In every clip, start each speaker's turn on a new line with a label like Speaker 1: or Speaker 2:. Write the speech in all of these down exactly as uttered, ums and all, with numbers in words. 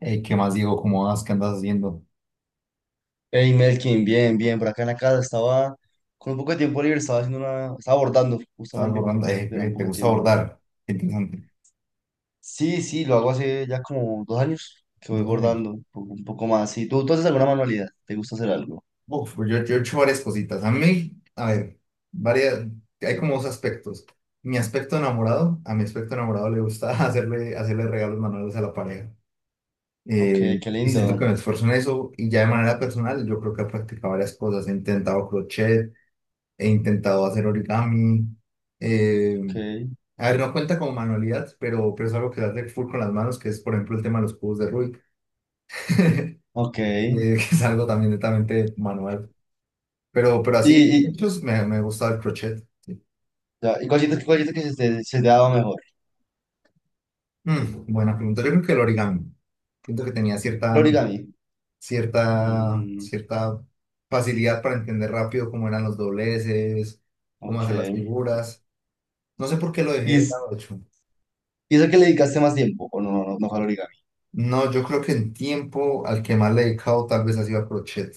Speaker 1: Eh, ¿qué más, Diego? ¿Cómo vas? ¿Qué andas haciendo?
Speaker 2: Hey Melkin, bien, bien, por acá en la casa estaba con un poco de tiempo libre, estaba haciendo una, estaba abordando
Speaker 1: ¿Estabas
Speaker 2: justamente que
Speaker 1: bordando? Eh,
Speaker 2: tenía
Speaker 1: eh,
Speaker 2: un
Speaker 1: ¿te
Speaker 2: poco de
Speaker 1: gusta
Speaker 2: tiempo libre.
Speaker 1: bordar? Qué interesante.
Speaker 2: Sí, sí, lo hago hace ya como dos años que voy
Speaker 1: Dos años.
Speaker 2: bordando un poco, un poco más. Sí, ¿tú, tú haces alguna manualidad? ¿Te gusta hacer algo?
Speaker 1: Uf, pues yo, yo he hecho varias cositas. A mí, a ver, varias, hay como dos aspectos. Mi aspecto enamorado, a mi aspecto enamorado le gusta hacerle, hacerle regalos manuales a la pareja.
Speaker 2: Ok,
Speaker 1: Eh,
Speaker 2: qué
Speaker 1: y siento
Speaker 2: lindo.
Speaker 1: que me esfuerzo en eso. Y ya de manera personal, yo creo que he practicado varias cosas. He intentado crochet, he intentado hacer origami. eh,
Speaker 2: Ok,
Speaker 1: A ver, no cuenta como manualidad, pero, pero es algo que se hace full con las manos, que es, por ejemplo, el tema de los cubos de Rubik, eh,
Speaker 2: ok. ¿Y,
Speaker 1: que es algo también netamente manual. Pero, pero así,
Speaker 2: y,
Speaker 1: hechos, me, me gusta el crochet. Sí.
Speaker 2: ya, ¿y cuál sientes, cuál sientes que se te, se te ha dado mejor?
Speaker 1: Mm, buena pregunta. Yo creo que el origami. Siento que tenía
Speaker 2: El
Speaker 1: cierta,
Speaker 2: origami.
Speaker 1: cierta,
Speaker 2: Mm,
Speaker 1: cierta facilidad para entender rápido cómo eran los dobleces, cómo
Speaker 2: ok.
Speaker 1: hacer las figuras. No sé por qué lo
Speaker 2: ¿Y,
Speaker 1: dejé de
Speaker 2: es-
Speaker 1: lado, de hecho.
Speaker 2: y es el que le dedicaste más tiempo? ¿O no, no, no fue al origami?
Speaker 1: No, yo creo que en tiempo al que más le he dedicado tal vez ha sido a crochet.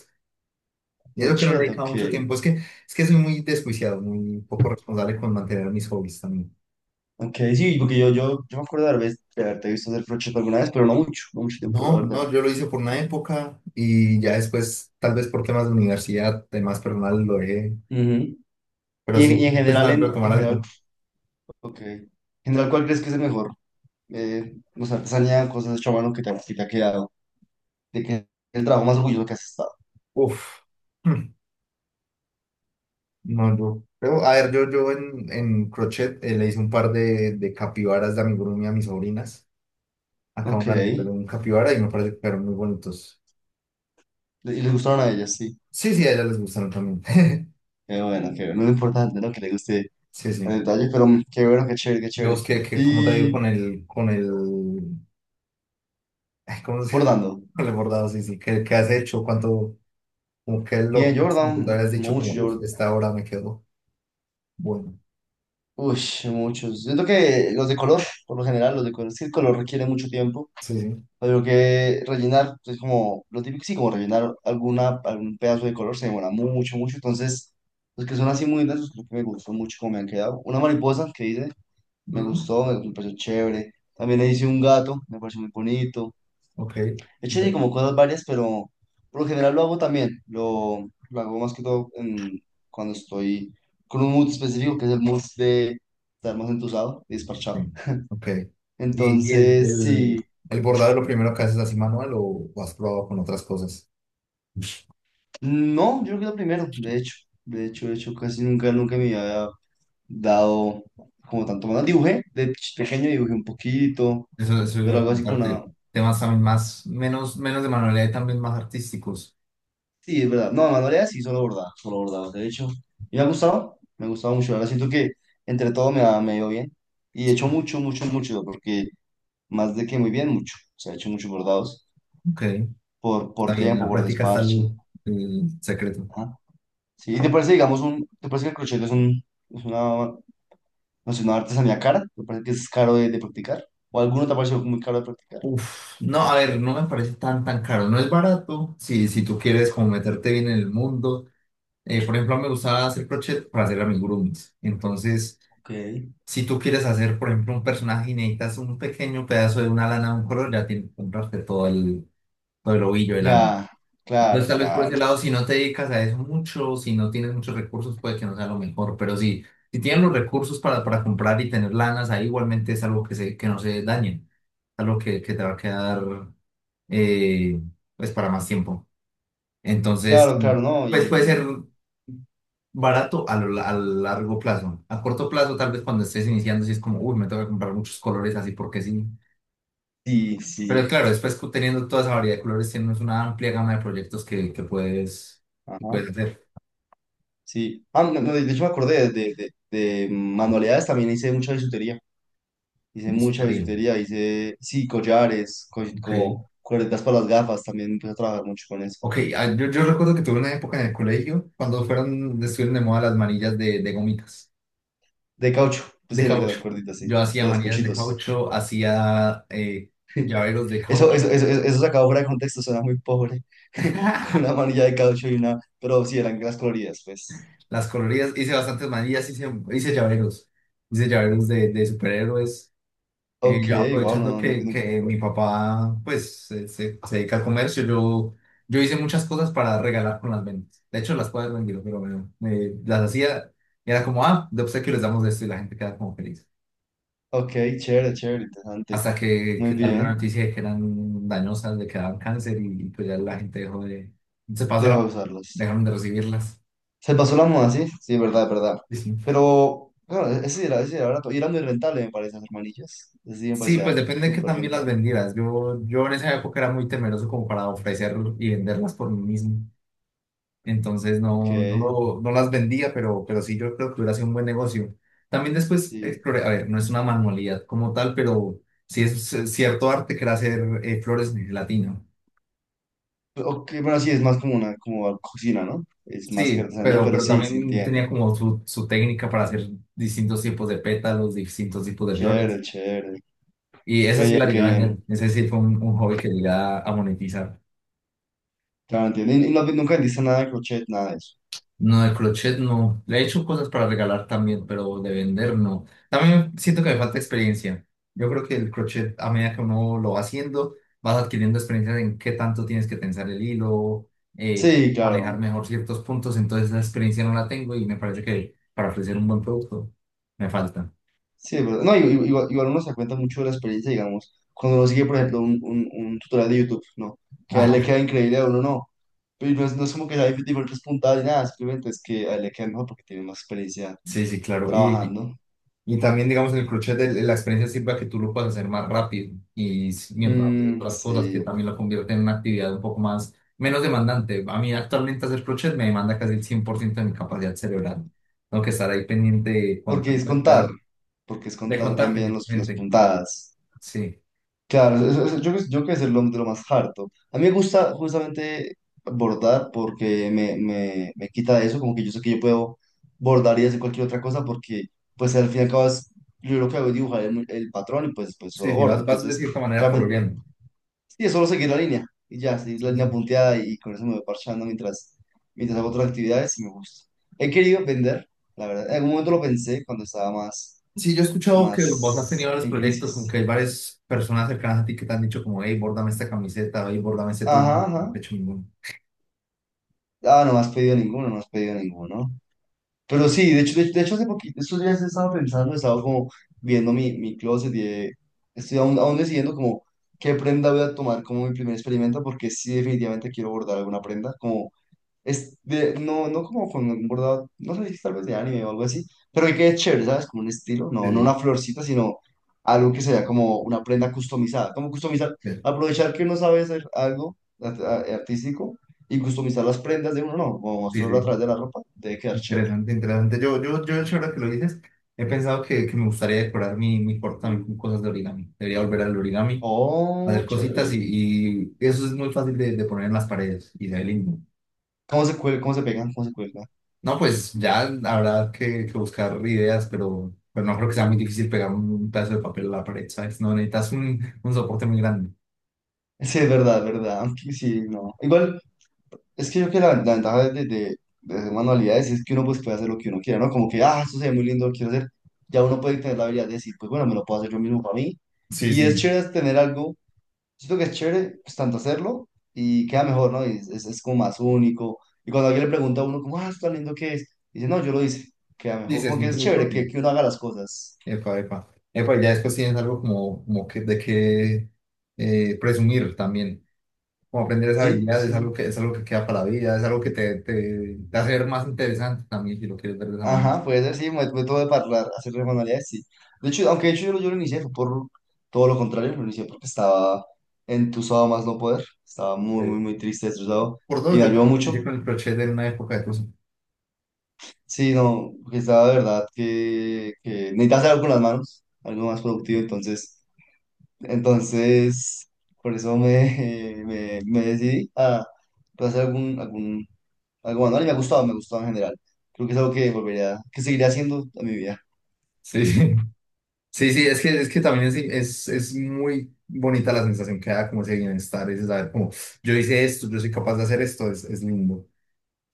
Speaker 1: Yo creo que no le he
Speaker 2: Crochet,
Speaker 1: dedicado mucho
Speaker 2: ok.
Speaker 1: tiempo. Es que, es que soy muy desjuiciado, muy poco responsable con mantener mis hobbies también.
Speaker 2: Ok, sí, porque yo, yo, yo me acuerdo de haber ves- de haberte visto hacer crochet alguna vez, pero no mucho, no mucho tiempo, la
Speaker 1: No,
Speaker 2: verdad.
Speaker 1: no, yo lo hice por una época y ya después, tal vez por temas de universidad, temas personales, lo dejé.
Speaker 2: Ujú.
Speaker 1: Pero
Speaker 2: Y, en,
Speaker 1: sí,
Speaker 2: y en
Speaker 1: he
Speaker 2: general,
Speaker 1: pensado en
Speaker 2: en,
Speaker 1: retomar
Speaker 2: en general,
Speaker 1: algo.
Speaker 2: ok. En general, ¿cuál crees que es el mejor? Eh, no sé, artesanía, cosas de a mano que te, que te ha quedado. De qué el trabajo más orgulloso que has estado.
Speaker 1: Uf, hmm, no, yo. Pero, a ver, yo, yo en, en crochet eh, le hice un par de, de capibaras de amigurumi a mis sobrinas. Acá
Speaker 2: Ok.
Speaker 1: una de
Speaker 2: Y
Speaker 1: un capibara y me parece que fueron muy bonitos.
Speaker 2: les gustaron a ellas, sí.
Speaker 1: Sí, sí, a ellas les gustaron también.
Speaker 2: Qué bueno, qué bueno. Lo importante, ¿no? Que les guste
Speaker 1: Sí,
Speaker 2: el
Speaker 1: sí.
Speaker 2: detalle, pero mm, qué bueno, qué chévere, qué
Speaker 1: Yo
Speaker 2: chévere.
Speaker 1: busqué que, como te digo, con
Speaker 2: Y
Speaker 1: el, con el, ay, ¿cómo se
Speaker 2: bordando.
Speaker 1: con el bordado? Sí, sí, ¿qué, qué has hecho? ¿Cuánto, como qué es lo
Speaker 2: Bien, yo
Speaker 1: máximo
Speaker 2: bordaba
Speaker 1: que te habías dicho?
Speaker 2: mucho,
Speaker 1: Como, uff,
Speaker 2: yo
Speaker 1: esta hora me quedó. Bueno,
Speaker 2: Uy, muchos. Siento que los de color, por lo general, los de color, es que el color requiere mucho tiempo.
Speaker 1: sí, sí.
Speaker 2: Pero que rellenar, es como lo típico, sí, como rellenar alguna, algún pedazo de color se demora mucho, mucho. Entonces, los que son así muy intensos, creo que me gustó mucho cómo me han quedado. Una mariposa que hice, me
Speaker 1: Mm,
Speaker 2: gustó, me, me pareció chévere. También le hice un gato, me pareció muy bonito.
Speaker 1: ok,
Speaker 2: De hecho, sí,
Speaker 1: pero,
Speaker 2: como cosas varias, pero por lo general lo hago también. Lo, lo hago más que todo en- cuando estoy con un mood específico, que es el mood de estar más entusado y
Speaker 1: sí,
Speaker 2: desparchado.
Speaker 1: ok. ¿Y, y el,
Speaker 2: Entonces, sí,
Speaker 1: el, el bordado es lo primero que haces así manual o, o has probado con otras cosas?
Speaker 2: no, yo creo que lo primero, de hecho, de hecho, de hecho, casi nunca, nunca me había dado como tanto más. Dibujé, de ch- pequeño dibujé un poquito,
Speaker 1: Eso, eso iba
Speaker 2: pero
Speaker 1: a
Speaker 2: algo así como una,
Speaker 1: preguntarte. Temas también más, menos, menos de manualidad y también más artísticos.
Speaker 2: sí, es verdad. No, manualidades sí, solo bordado, solo bordado. De hecho, y me ha gustado, me ha gustado mucho. Ahora siento que entre todo me ha, me ha ido bien. Y he hecho mucho, mucho, mucho, porque más de que muy bien, mucho. O sea, he hecho muchos bordados
Speaker 1: Ok,
Speaker 2: por,
Speaker 1: está
Speaker 2: por
Speaker 1: bien, en
Speaker 2: tiempo,
Speaker 1: la
Speaker 2: por
Speaker 1: práctica está
Speaker 2: desparche.
Speaker 1: el el secreto.
Speaker 2: Ajá. Sí, ¿y te parece, digamos, un, te parece que el crochet es un, es una, no sé, una artesanía cara? ¿Te parece que es caro de, de practicar? ¿O alguno te ha parecido muy caro de practicar?
Speaker 1: Uf, no, a ver, no me parece tan tan caro, no es barato, si, si tú quieres como meterte bien en el mundo, eh, por ejemplo, a mí me gusta hacer crochet para hacer amigurumis, entonces,
Speaker 2: Ok.
Speaker 1: si tú quieres hacer, por ejemplo, un personaje y necesitas un pequeño pedazo de una lana de un color, ya tienes que comprarte todo el, todo el ovillo de lana.
Speaker 2: Ya,
Speaker 1: Entonces,
Speaker 2: claro,
Speaker 1: tal vez por ese
Speaker 2: claro.
Speaker 1: lado, si no te dedicas a eso mucho, si no tienes muchos recursos, puede que no sea lo mejor, pero sí, si tienes los recursos para, para comprar y tener lanas, ahí igualmente es algo que, se, que no se dañen, algo que, que te va a quedar eh, pues para más tiempo. Entonces,
Speaker 2: Claro, claro, no.
Speaker 1: pues puede
Speaker 2: Y
Speaker 1: ser barato a, lo- a largo plazo. A corto plazo, tal vez cuando estés iniciando, si es como, uy, me tengo que comprar muchos colores así porque sí.
Speaker 2: sí,
Speaker 1: Pero
Speaker 2: sí.
Speaker 1: claro, después cu- teniendo toda esa variedad de colores, tienes una amplia gama de proyectos que, que puedes, que
Speaker 2: Ajá.
Speaker 1: puedes hacer.
Speaker 2: Sí. Ah, no, no, de hecho me acordé de, de, de mm, manualidades, también hice mucha bisutería. Hice
Speaker 1: Listo,
Speaker 2: mucha
Speaker 1: te digo.
Speaker 2: bisutería, hice, sí, collares, co-
Speaker 1: Ok.
Speaker 2: como cuerdas para las gafas, también empecé a trabajar mucho con eso.
Speaker 1: Ok, ah, yo, yo recuerdo que tuve una época en el colegio cuando fueron, estuvieron de moda las manillas de, de gomitas.
Speaker 2: De caucho, pues
Speaker 1: De
Speaker 2: sí, las de las
Speaker 1: caucho.
Speaker 2: cuerditas, sí,
Speaker 1: Yo hacía
Speaker 2: de los
Speaker 1: manillas de
Speaker 2: cochitos.
Speaker 1: caucho, hacía eh, llaveros de
Speaker 2: Eso, eso,
Speaker 1: caucho,
Speaker 2: eso, eso eso sacado fuera de contexto, suena muy pobre. Una manilla de caucho y una, pero sí, eran las coloridas, pues.
Speaker 1: las coloridas, hice bastantes manillas, hice, hice llaveros, hice llaveros de, de superhéroes. Eh,
Speaker 2: Ok,
Speaker 1: yo
Speaker 2: wow,
Speaker 1: aprovechando
Speaker 2: no, no,
Speaker 1: que,
Speaker 2: no.
Speaker 1: que mi papá pues se, se- se dedica al comercio, yo, yo hice muchas cosas para regalar con las ventas. De hecho, las puedes vender, pero bueno, eh, las hacía, y era como, ah, de obsequio les damos esto y la gente queda como feliz.
Speaker 2: Ok, chévere, chévere, interesante.
Speaker 1: Hasta que,
Speaker 2: Muy
Speaker 1: que salió una
Speaker 2: bien,
Speaker 1: noticia de que eran dañosas, de que daban cáncer y, y pues ya la gente dejó de. Se pasó
Speaker 2: deja
Speaker 1: la.
Speaker 2: de usarlas.
Speaker 1: Dejaron de recibirlas.
Speaker 2: Se pasó la moda, sí, sí, verdad, verdad.
Speaker 1: Sí, sí.
Speaker 2: Pero, claro, e-, ese sí era, ese sí era, barato. Y era muy rentable, me parece, hacer manillas. Ese sí me
Speaker 1: Sí, pues
Speaker 2: parecía
Speaker 1: depende de que
Speaker 2: súper
Speaker 1: también las
Speaker 2: rentable.
Speaker 1: vendieras. Yo, yo en esa época era muy temeroso como para ofrecer y venderlas por mí mismo. Entonces
Speaker 2: Ok,
Speaker 1: no, no, lo- no las vendía, pero, pero sí yo creo que hubiera sido un buen negocio. También después
Speaker 2: sí.
Speaker 1: exploré, a ver, no es una manualidad como tal, pero sí es cierto arte que era hacer eh, flores en gelatina.
Speaker 2: Ok, bueno, sí, es más como una como cocina, ¿no? Es más que
Speaker 1: Sí,
Speaker 2: artesanía,
Speaker 1: pero,
Speaker 2: pero
Speaker 1: pero
Speaker 2: sí, sí
Speaker 1: también
Speaker 2: entiendo.
Speaker 1: tenía como su, su técnica para hacer distintos tipos de pétalos, distintos tipos de flores.
Speaker 2: Chévere, chévere.
Speaker 1: Y esa
Speaker 2: Qué
Speaker 1: sí
Speaker 2: bien,
Speaker 1: la llegué
Speaker 2: qué
Speaker 1: a
Speaker 2: bien.
Speaker 1: hacer. Ese sí fue un, un hobby que llegué a, a monetizar.
Speaker 2: Claro, entiendo. Y, y no- nunca vendiste nada de crochet, nada de eso.
Speaker 1: No, el crochet no. Le he hecho cosas para regalar también, pero de vender no. También siento que me falta experiencia. Yo creo que el crochet, a medida que uno lo va haciendo, vas adquiriendo experiencia en qué tanto tienes que tensar el hilo, eh,
Speaker 2: Sí,
Speaker 1: manejar
Speaker 2: claro.
Speaker 1: mejor ciertos puntos. Entonces esa experiencia no la tengo y me parece que para ofrecer un buen producto me falta.
Speaker 2: Sí, es verdad. No, igu- igu- igual, igual uno se da cuenta mucho de la experiencia, digamos, cuando uno sigue, por ejemplo, un, un, un tutorial de YouTube, ¿no? Que a él le
Speaker 1: Ajá,
Speaker 2: queda increíble, a uno no. Pero no es, no es como que sea diferentes puntadas ni nada, simplemente es que a él le queda mejor porque tiene más experiencia
Speaker 1: sí, sí, claro. Y,
Speaker 2: trabajando.
Speaker 1: y también, digamos, en el crochet el- la experiencia sirve a que tú lo puedas hacer más rápido y s- mientras de
Speaker 2: Mm,
Speaker 1: otras cosas que
Speaker 2: sí,
Speaker 1: también lo convierten en una actividad un poco más, menos demandante. A mí actualmente hacer crochet me demanda casi el cien por ciento de mi capacidad cerebral. Tengo que estar ahí pendiente de contar,
Speaker 2: porque es
Speaker 1: de
Speaker 2: contar,
Speaker 1: dar-
Speaker 2: porque es
Speaker 1: de
Speaker 2: contar
Speaker 1: contar
Speaker 2: también los, las
Speaker 1: principalmente.
Speaker 2: puntadas.
Speaker 1: Sí,
Speaker 2: Claro, eso- eso- yo, creo- yo creo que es de lo, de lo más harto. A mí me gusta justamente bordar porque me, me, me quita eso, como que yo sé que yo puedo bordar y hacer cualquier otra cosa porque pues al fin y al cabo es- yo lo que hago es dibujar el, el patrón y pues, pues solo
Speaker 1: sí, sí,
Speaker 2: bordo.
Speaker 1: vas, vas de
Speaker 2: Entonces,
Speaker 1: cierta manera
Speaker 2: realmente,
Speaker 1: coloreando.
Speaker 2: sí, es solo seguir la línea y ya, seguir la
Speaker 1: Sí,
Speaker 2: línea
Speaker 1: sí.
Speaker 2: punteada y con eso me voy parchando mientras, mientras hago otras actividades y me gusta. He querido vender, la verdad. En algún momento lo pensé cuando estaba más,
Speaker 1: Sí, yo he escuchado que vos has tenido
Speaker 2: más
Speaker 1: varios
Speaker 2: en
Speaker 1: proyectos, como que
Speaker 2: crisis.
Speaker 1: hay varias personas cercanas a ti que te han dicho como, hey, bórdame esta camiseta, hey, bórdame este todo, no
Speaker 2: Ajá, ajá.
Speaker 1: he hecho ninguno.
Speaker 2: Ah, no me has pedido ninguno, no has pedido ninguno. Pero sí, de hecho, de, de hecho hace poquito, estos días he estado pensando, he estado como viendo mi, mi closet y he- estoy aún, aún decidiendo como qué prenda voy a tomar como mi primer experimento, porque sí definitivamente quiero bordar alguna prenda, como es de, no, no como con un bordado, no sé, tal vez de anime o algo así, pero que quede chévere, ¿sabes? Como un estilo, no, no
Speaker 1: Sí,
Speaker 2: una florcita, sino algo que sea como una prenda customizada. Como customizar,
Speaker 1: sí,
Speaker 2: aprovechar que uno sabe hacer algo art- a- artístico y customizar las prendas de uno, no, o mostrarlo a
Speaker 1: sí,
Speaker 2: través de la ropa, debe quedar chévere.
Speaker 1: interesante, interesante. Yo, yo, yo, de hecho, ahora que lo dices, he pensado que, que me gustaría decorar mi, mi cuarto también con cosas de origami. Debería volver al origami,
Speaker 2: Oh,
Speaker 1: hacer cositas
Speaker 2: chévere.
Speaker 1: y, y eso es muy fácil de, de poner en las paredes y se ve lindo.
Speaker 2: ¿Cómo se cuelga, cómo se pegan, cómo se cuelga?
Speaker 1: No, pues ya habrá que, que buscar ideas, pero, pero no creo que sea muy difícil pegar un, un pedazo de papel a la pared, ¿sabes? No necesitas un, un soporte muy grande.
Speaker 2: Sí, es verdad, es verdad. Aunque sí, no. Igual. Es que yo creo que la, la ventaja de, de, de hacer manualidades es que uno pues puede hacer lo que uno quiera, ¿no? Como que, ah, esto se ve muy lindo, lo quiero hacer. Ya uno puede tener la habilidad de decir, pues bueno, me lo puedo hacer yo mismo para mí.
Speaker 1: Sí,
Speaker 2: Y es
Speaker 1: sí.
Speaker 2: chévere tener algo, siento que es chévere, pues tanto hacerlo y queda mejor, ¿no? Y es, es, es como más único. Y cuando alguien le pregunta a uno, como, ah, esto tan lindo que es, dice, no, yo lo hice, queda
Speaker 1: Sí,
Speaker 2: mejor.
Speaker 1: se
Speaker 2: Como que es
Speaker 1: siente muy
Speaker 2: chévere que,
Speaker 1: propio.
Speaker 2: que uno haga las cosas.
Speaker 1: Epa, epa. Epa, ya después tienes algo como, como que, de que eh, presumir también. Como aprender esa
Speaker 2: Sí,
Speaker 1: habilidad es algo
Speaker 2: sí.
Speaker 1: que, es algo que queda para la vida, es algo que te, te, te hace ver más interesante también si lo quieres ver de esa manera.
Speaker 2: Ajá, puede ser, sí, me método de parlar, hacer de manualidades, sí. De hecho, aunque de hecho yo, lo- yo lo inicié, fue por todo lo contrario, lo inicié porque estaba entusado más no poder, estaba muy, muy,
Speaker 1: Ok.
Speaker 2: muy triste, estresado,
Speaker 1: Por
Speaker 2: y
Speaker 1: dos,
Speaker 2: me
Speaker 1: yo
Speaker 2: ayudó
Speaker 1: también inicié
Speaker 2: mucho.
Speaker 1: con el crochet en una época de cosas.
Speaker 2: Sí, no, porque estaba de verdad que, que necesitaba hacer algo con las manos, algo más productivo, entonces, entonces, por eso me, me, me decidí a pues, hacer algún, algún, algo manual, y me ha gustado, me ha gustado en general. Creo que es algo que volvería, que seguiré haciendo en mi vida.
Speaker 1: Sí, sí, sí, sí, es que, es que también es, es, es muy bonita la sensación que da como ese bienestar, ese saber como yo hice esto, yo soy capaz de hacer esto, es, es lindo.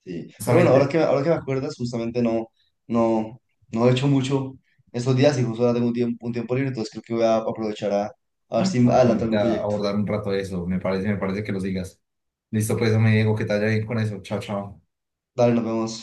Speaker 2: Sí, pero bueno, ahora
Speaker 1: Justamente
Speaker 2: que, ahora que me acuerdas, justamente no, no, no he hecho mucho estos días y justo ahora tengo un tiempo, un tiempo libre, entonces creo que voy a aprovechar a, a
Speaker 1: a,
Speaker 2: ver si
Speaker 1: a
Speaker 2: adelanto
Speaker 1: ponerte
Speaker 2: algún
Speaker 1: a
Speaker 2: proyecto.
Speaker 1: abordar un rato eso, me parece, me parece que lo sigas. Listo, pues, me digo que te vaya bien con eso. Chao, chao.
Speaker 2: Dale, nos vemos.